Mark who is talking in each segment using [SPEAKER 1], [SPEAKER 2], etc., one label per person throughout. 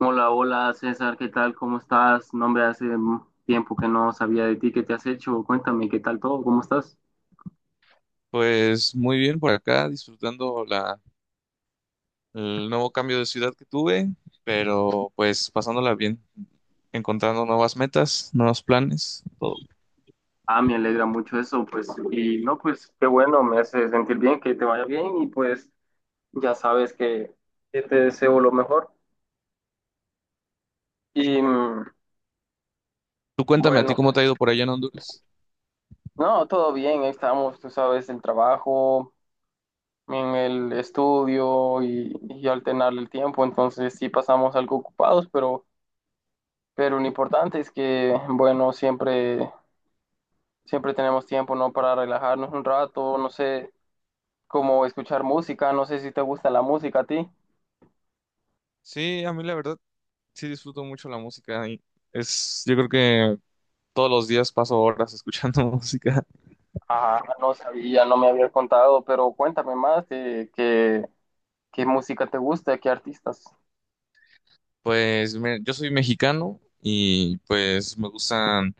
[SPEAKER 1] Hola, hola César, ¿qué tal? ¿Cómo estás? No me hace tiempo que no sabía de ti, ¿qué te has hecho? Cuéntame, ¿qué tal todo? ¿Cómo estás?
[SPEAKER 2] Pues muy bien por acá, disfrutando el nuevo cambio de ciudad que tuve, pero pues pasándola bien, encontrando nuevas metas, nuevos planes, todo.
[SPEAKER 1] Ah, me alegra mucho eso, pues, y no, pues qué bueno, me hace sentir bien, que te vaya bien y pues ya sabes que te deseo lo mejor. Y mm,
[SPEAKER 2] Tú cuéntame, ¿a ti
[SPEAKER 1] bueno,
[SPEAKER 2] cómo te ha ido por allá en Honduras?
[SPEAKER 1] No, todo bien, ahí estamos, tú sabes, el trabajo, en el estudio y alternar el tiempo, entonces sí pasamos algo ocupados, pero lo importante es que, bueno, siempre, siempre tenemos tiempo, ¿no? Para relajarnos un rato, no sé, como escuchar música, no sé si te gusta la música a ti.
[SPEAKER 2] Sí, a mí la verdad sí disfruto mucho la música y yo creo que todos los días paso horas escuchando música.
[SPEAKER 1] Ah, no sabía, no me habías contado, pero cuéntame más, qué música te gusta, qué artistas.
[SPEAKER 2] Pues yo soy mexicano y pues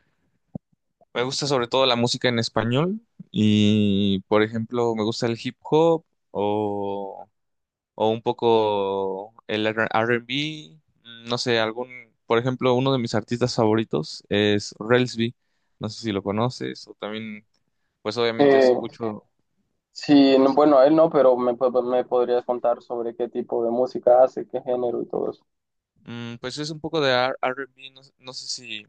[SPEAKER 2] me gusta sobre todo la música en español y por ejemplo me gusta el hip hop o o un poco el R&B, no sé, algún, por ejemplo, uno de mis artistas favoritos es Relsby, no sé si lo conoces, o también, pues obviamente
[SPEAKER 1] Eh,
[SPEAKER 2] escucho,
[SPEAKER 1] Sí, bueno, él no, pero me podrías contar sobre qué tipo de música hace, qué género y todo eso.
[SPEAKER 2] pues es un poco de R&B, no, no sé si,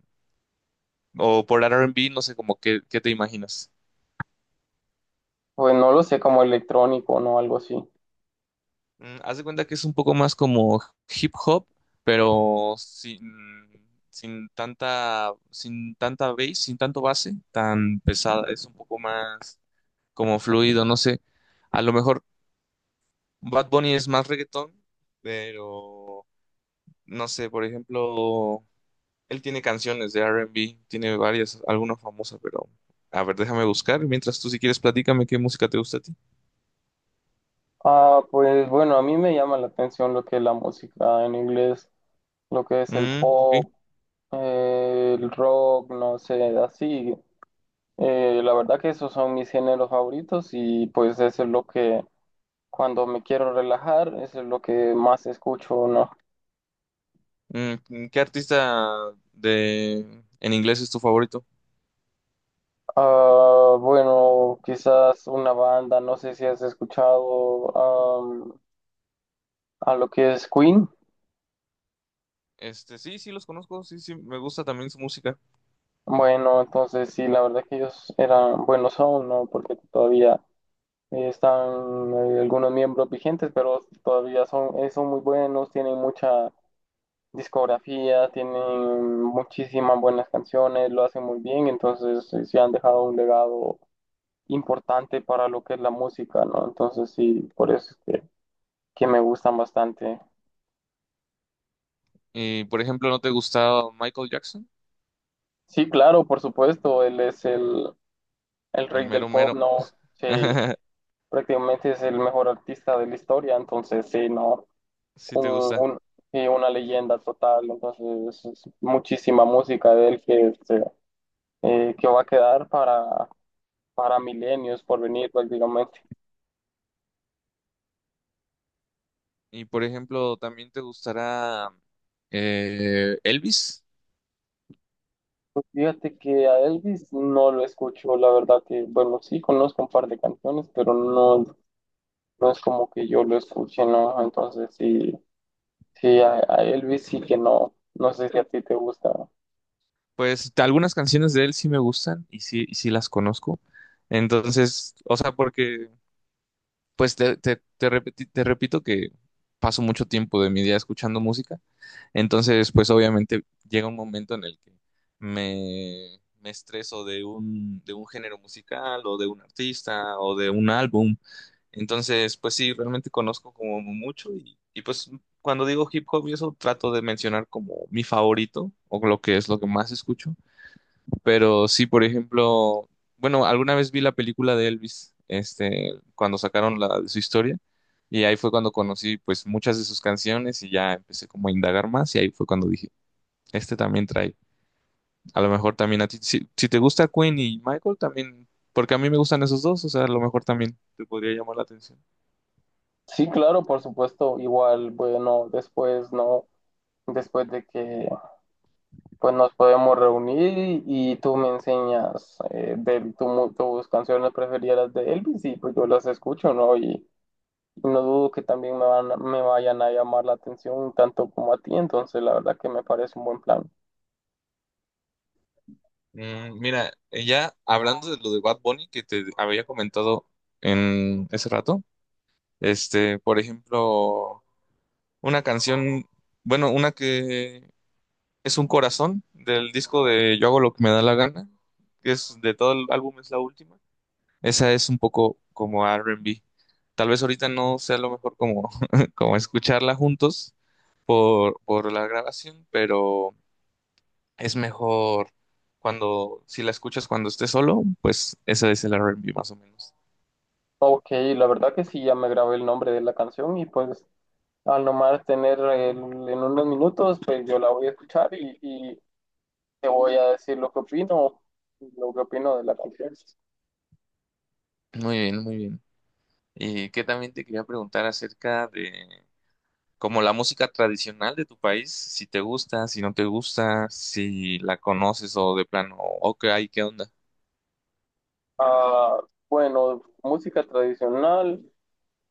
[SPEAKER 2] o por R&B, no sé como qué te imaginas.
[SPEAKER 1] Pues no lo sé, como electrónico, ¿no? Algo así.
[SPEAKER 2] Haz de cuenta que es un poco más como hip hop, pero sin tanta, sin tanta bass, sin tanto base, tan pesada, es un poco más como fluido, no sé. A lo mejor Bad Bunny es más reggaetón, pero no sé, por ejemplo, él tiene canciones de R&B, tiene varias, alguna famosa, pero a ver, déjame buscar. Mientras tú si quieres platícame qué música te gusta a ti.
[SPEAKER 1] Ah, pues bueno, a mí me llama la atención lo que es la música en inglés, lo que es el
[SPEAKER 2] Mm, ok.
[SPEAKER 1] pop, el rock, no sé, así. La verdad que esos son mis géneros favoritos y pues eso es lo que cuando me quiero relajar, eso es lo que más escucho, ¿no?
[SPEAKER 2] ¿Qué artista de en inglés es tu favorito?
[SPEAKER 1] Ah, bueno, quizás una banda, no sé si has escuchado a lo que es Queen.
[SPEAKER 2] Este, sí, sí los conozco, sí, sí, me gusta también su música.
[SPEAKER 1] Bueno, entonces sí, la verdad que ellos eran buenos aún, ¿no? Porque todavía están algunos miembros vigentes, pero todavía son, son muy buenos, tienen mucha discografía, tienen muchísimas buenas canciones, lo hacen muy bien, entonces sí han dejado un legado importante para lo que es la música, ¿no? Entonces sí, por eso es que que me gustan bastante.
[SPEAKER 2] Y por ejemplo, ¿no te gustaba Michael Jackson?
[SPEAKER 1] Sí, claro, por supuesto, él es el
[SPEAKER 2] El
[SPEAKER 1] rey del
[SPEAKER 2] mero
[SPEAKER 1] pop,
[SPEAKER 2] mero.
[SPEAKER 1] ¿no? Sí, prácticamente es el mejor artista de la historia, entonces sí, ¿no?
[SPEAKER 2] Sí te
[SPEAKER 1] Un,
[SPEAKER 2] gusta.
[SPEAKER 1] un- sí, una leyenda total, entonces es muchísima música de él que, que va a quedar para milenios por venir prácticamente.
[SPEAKER 2] Y por ejemplo, ¿también te gustará Elvis?
[SPEAKER 1] Fíjate que a Elvis no lo escucho, la verdad que, bueno, sí conozco un par de canciones, pero no, no es como que yo lo escuche, ¿no? Entonces sí. Sí, a Elvis sí que no, no sé si a ti te gusta.
[SPEAKER 2] Pues algunas canciones de él sí me gustan y sí las conozco. Entonces, o sea, pues te repito que paso mucho tiempo de mi día escuchando música. Entonces, pues obviamente llega un momento en el que me estreso de un género musical o de un artista o de un álbum. Entonces, pues sí, realmente conozco como mucho y pues cuando digo hip hop y eso trato de mencionar como mi favorito o lo que es lo que más escucho. Pero sí, por ejemplo, bueno, alguna vez vi la película de Elvis, este, cuando sacaron la de su historia y ahí fue cuando conocí pues muchas de sus canciones y ya empecé como a indagar más y ahí fue cuando dije, este también trae, a lo mejor también a ti, si te gusta Queen y Michael también, porque a mí me gustan esos dos, o sea, a lo mejor también te podría llamar la atención.
[SPEAKER 1] Sí, claro, por supuesto, igual, bueno, después no, después de que pues nos podemos reunir y tú me enseñas tus canciones preferidas de Elvis y pues yo las escucho, ¿no? Y no dudo que también me vayan a llamar la atención tanto como a ti, entonces la verdad que me parece un buen plan.
[SPEAKER 2] Mira, ya hablando de lo de Bad Bunny que te había comentado en ese rato, este, por ejemplo, una canción, bueno, una que es un corazón del disco de Yo hago lo que me da la gana, que es de todo el álbum, es la última. Esa es un poco como R&B. Tal vez ahorita no sea lo mejor como, como escucharla juntos por la grabación, pero es mejor cuando, si la escuchas cuando estés solo, pues ese es el R&B más o menos.
[SPEAKER 1] Ok, la verdad que sí, ya me grabé el nombre de la canción y pues al nomás tener el- en unos minutos, pues yo la voy a escuchar y te voy a decir lo que opino de la canción.
[SPEAKER 2] Muy bien, muy bien. Y que también te quería preguntar acerca de como la música tradicional de tu país, si te gusta, si no te gusta, si la conoces o de plano, ok, ay, ¿qué onda?
[SPEAKER 1] Ah, bueno, música tradicional,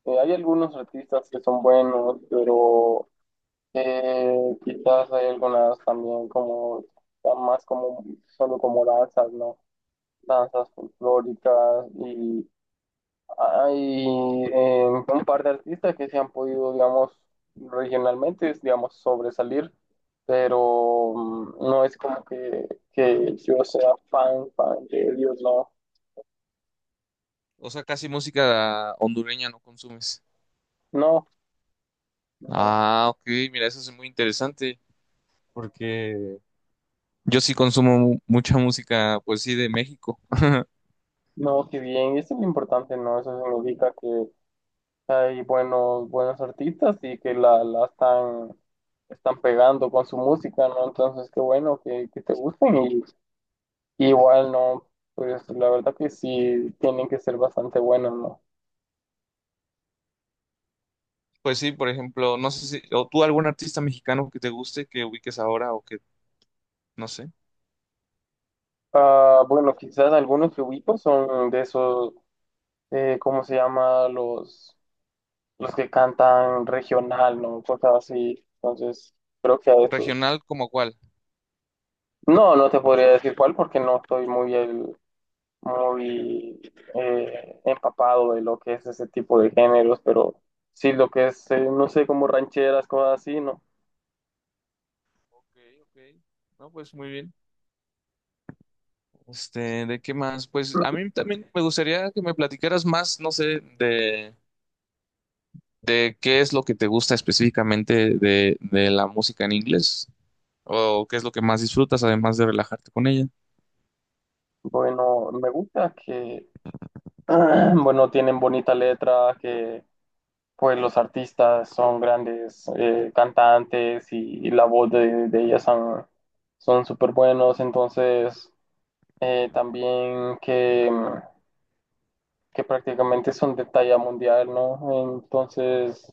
[SPEAKER 1] hay algunos artistas que son buenos, pero eh, quizás hay algunas también más solo como danzas, ¿no? Danzas folclóricas. Hay un par de artistas que se han podido, digamos, regionalmente, digamos, sobresalir, pero no es como que yo sea fan, fan de ellos, no,
[SPEAKER 2] O sea, casi música hondureña no consumes.
[SPEAKER 1] no, no,
[SPEAKER 2] Ah, ok, mira, eso es muy interesante porque yo sí consumo mucha música, pues sí, de México.
[SPEAKER 1] no, que bien, eso es lo importante, ¿no? Eso significa que hay buenos, buenos artistas y que la están, están pegando con su música, ¿no? Entonces, qué bueno que te gusten y igual, ¿no? Pues la verdad que sí, tienen que ser bastante buenos, ¿no?
[SPEAKER 2] Pues sí, por ejemplo, no sé si, o tú algún artista mexicano que te guste, que ubiques ahora o que, no sé,
[SPEAKER 1] Ah, bueno, quizás algunos que ubico son de esos, ¿cómo se llama? Los que cantan regional, ¿no? Cosas así. Entonces, creo que a esos.
[SPEAKER 2] regional como cuál.
[SPEAKER 1] No, no te podría decir cuál porque no estoy muy, muy empapado de lo que es ese tipo de géneros, pero sí lo que es, no sé, como rancheras, cosas así, ¿no?
[SPEAKER 2] Ok, ok. No, pues muy bien. Este, ¿de qué más? Pues a mí también me gustaría que me platicaras más, no sé, de qué es lo que te gusta específicamente de la música en inglés o qué es lo que más disfrutas además de relajarte con ella.
[SPEAKER 1] Bueno, me gusta que, bueno, tienen bonita letra, que pues los artistas son grandes cantantes y la voz de ellas son, son súper buenos, entonces también que prácticamente son de talla mundial, ¿no? Entonces,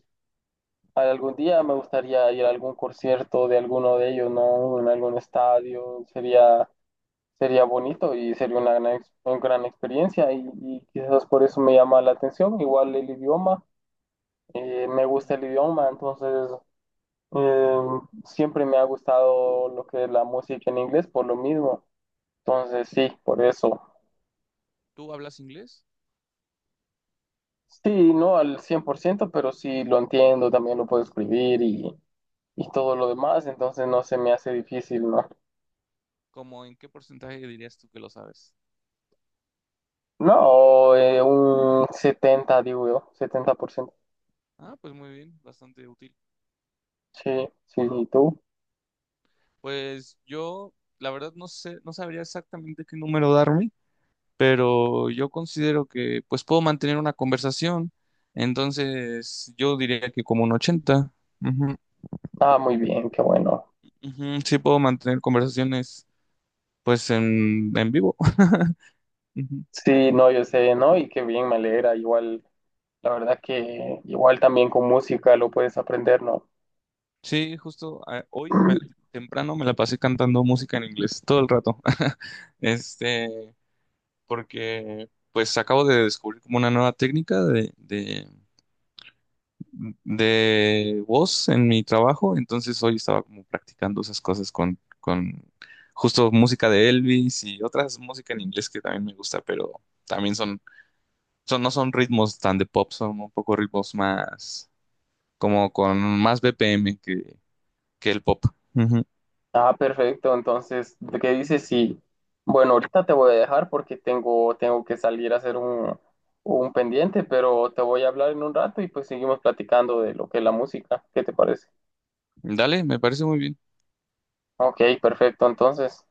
[SPEAKER 1] algún día me gustaría ir a algún concierto de alguno de ellos, ¿no? En algún estadio, sería, sería bonito y sería una una gran experiencia y quizás por eso me llama la atención, igual el idioma. Me gusta el
[SPEAKER 2] Mm, yo
[SPEAKER 1] idioma,
[SPEAKER 2] también.
[SPEAKER 1] entonces Eh, siempre me ha gustado lo que es la música en inglés por lo mismo. Entonces, sí, por eso.
[SPEAKER 2] ¿Tú hablas inglés?
[SPEAKER 1] Sí, no al 100% pero sí lo entiendo, también lo puedo escribir y todo lo demás, entonces no se me hace difícil, ¿no?
[SPEAKER 2] ¿Cómo en qué porcentaje dirías tú que lo sabes?
[SPEAKER 1] No, un 70 digo yo, 70%.
[SPEAKER 2] Ah, pues muy bien, bastante útil.
[SPEAKER 1] Sí, sí, ¿y tú?
[SPEAKER 2] Pues yo, la verdad, no sé, no sabría exactamente qué número darme, pero yo considero que pues puedo mantener una conversación. Entonces, yo diría que como un 80, ujú,
[SPEAKER 1] Ah, muy bien, qué bueno.
[SPEAKER 2] ujú, sí puedo mantener conversaciones pues en vivo. Ujú.
[SPEAKER 1] Sí, no, yo sé, ¿no? Y qué bien, me alegra, igual, la verdad que igual también con música lo puedes aprender, ¿no?
[SPEAKER 2] Sí, justo temprano me la pasé cantando música en inglés todo el rato. Este, porque pues acabo de descubrir como una nueva técnica de voz en mi trabajo, entonces hoy estaba como practicando esas cosas con justo música de Elvis y otras música en inglés que también me gusta, pero también no son ritmos tan de pop, son un poco ritmos más, como con más BPM que el pop. Ujú.
[SPEAKER 1] Ah, perfecto. Entonces, ¿qué dices? Sí. Bueno, ahorita te voy a dejar porque tengo, tengo que salir a hacer un pendiente, pero te voy a hablar en un rato y pues seguimos platicando de lo que es la música. ¿Qué te parece?
[SPEAKER 2] Dale, me parece muy bien.
[SPEAKER 1] Ok, perfecto. Entonces.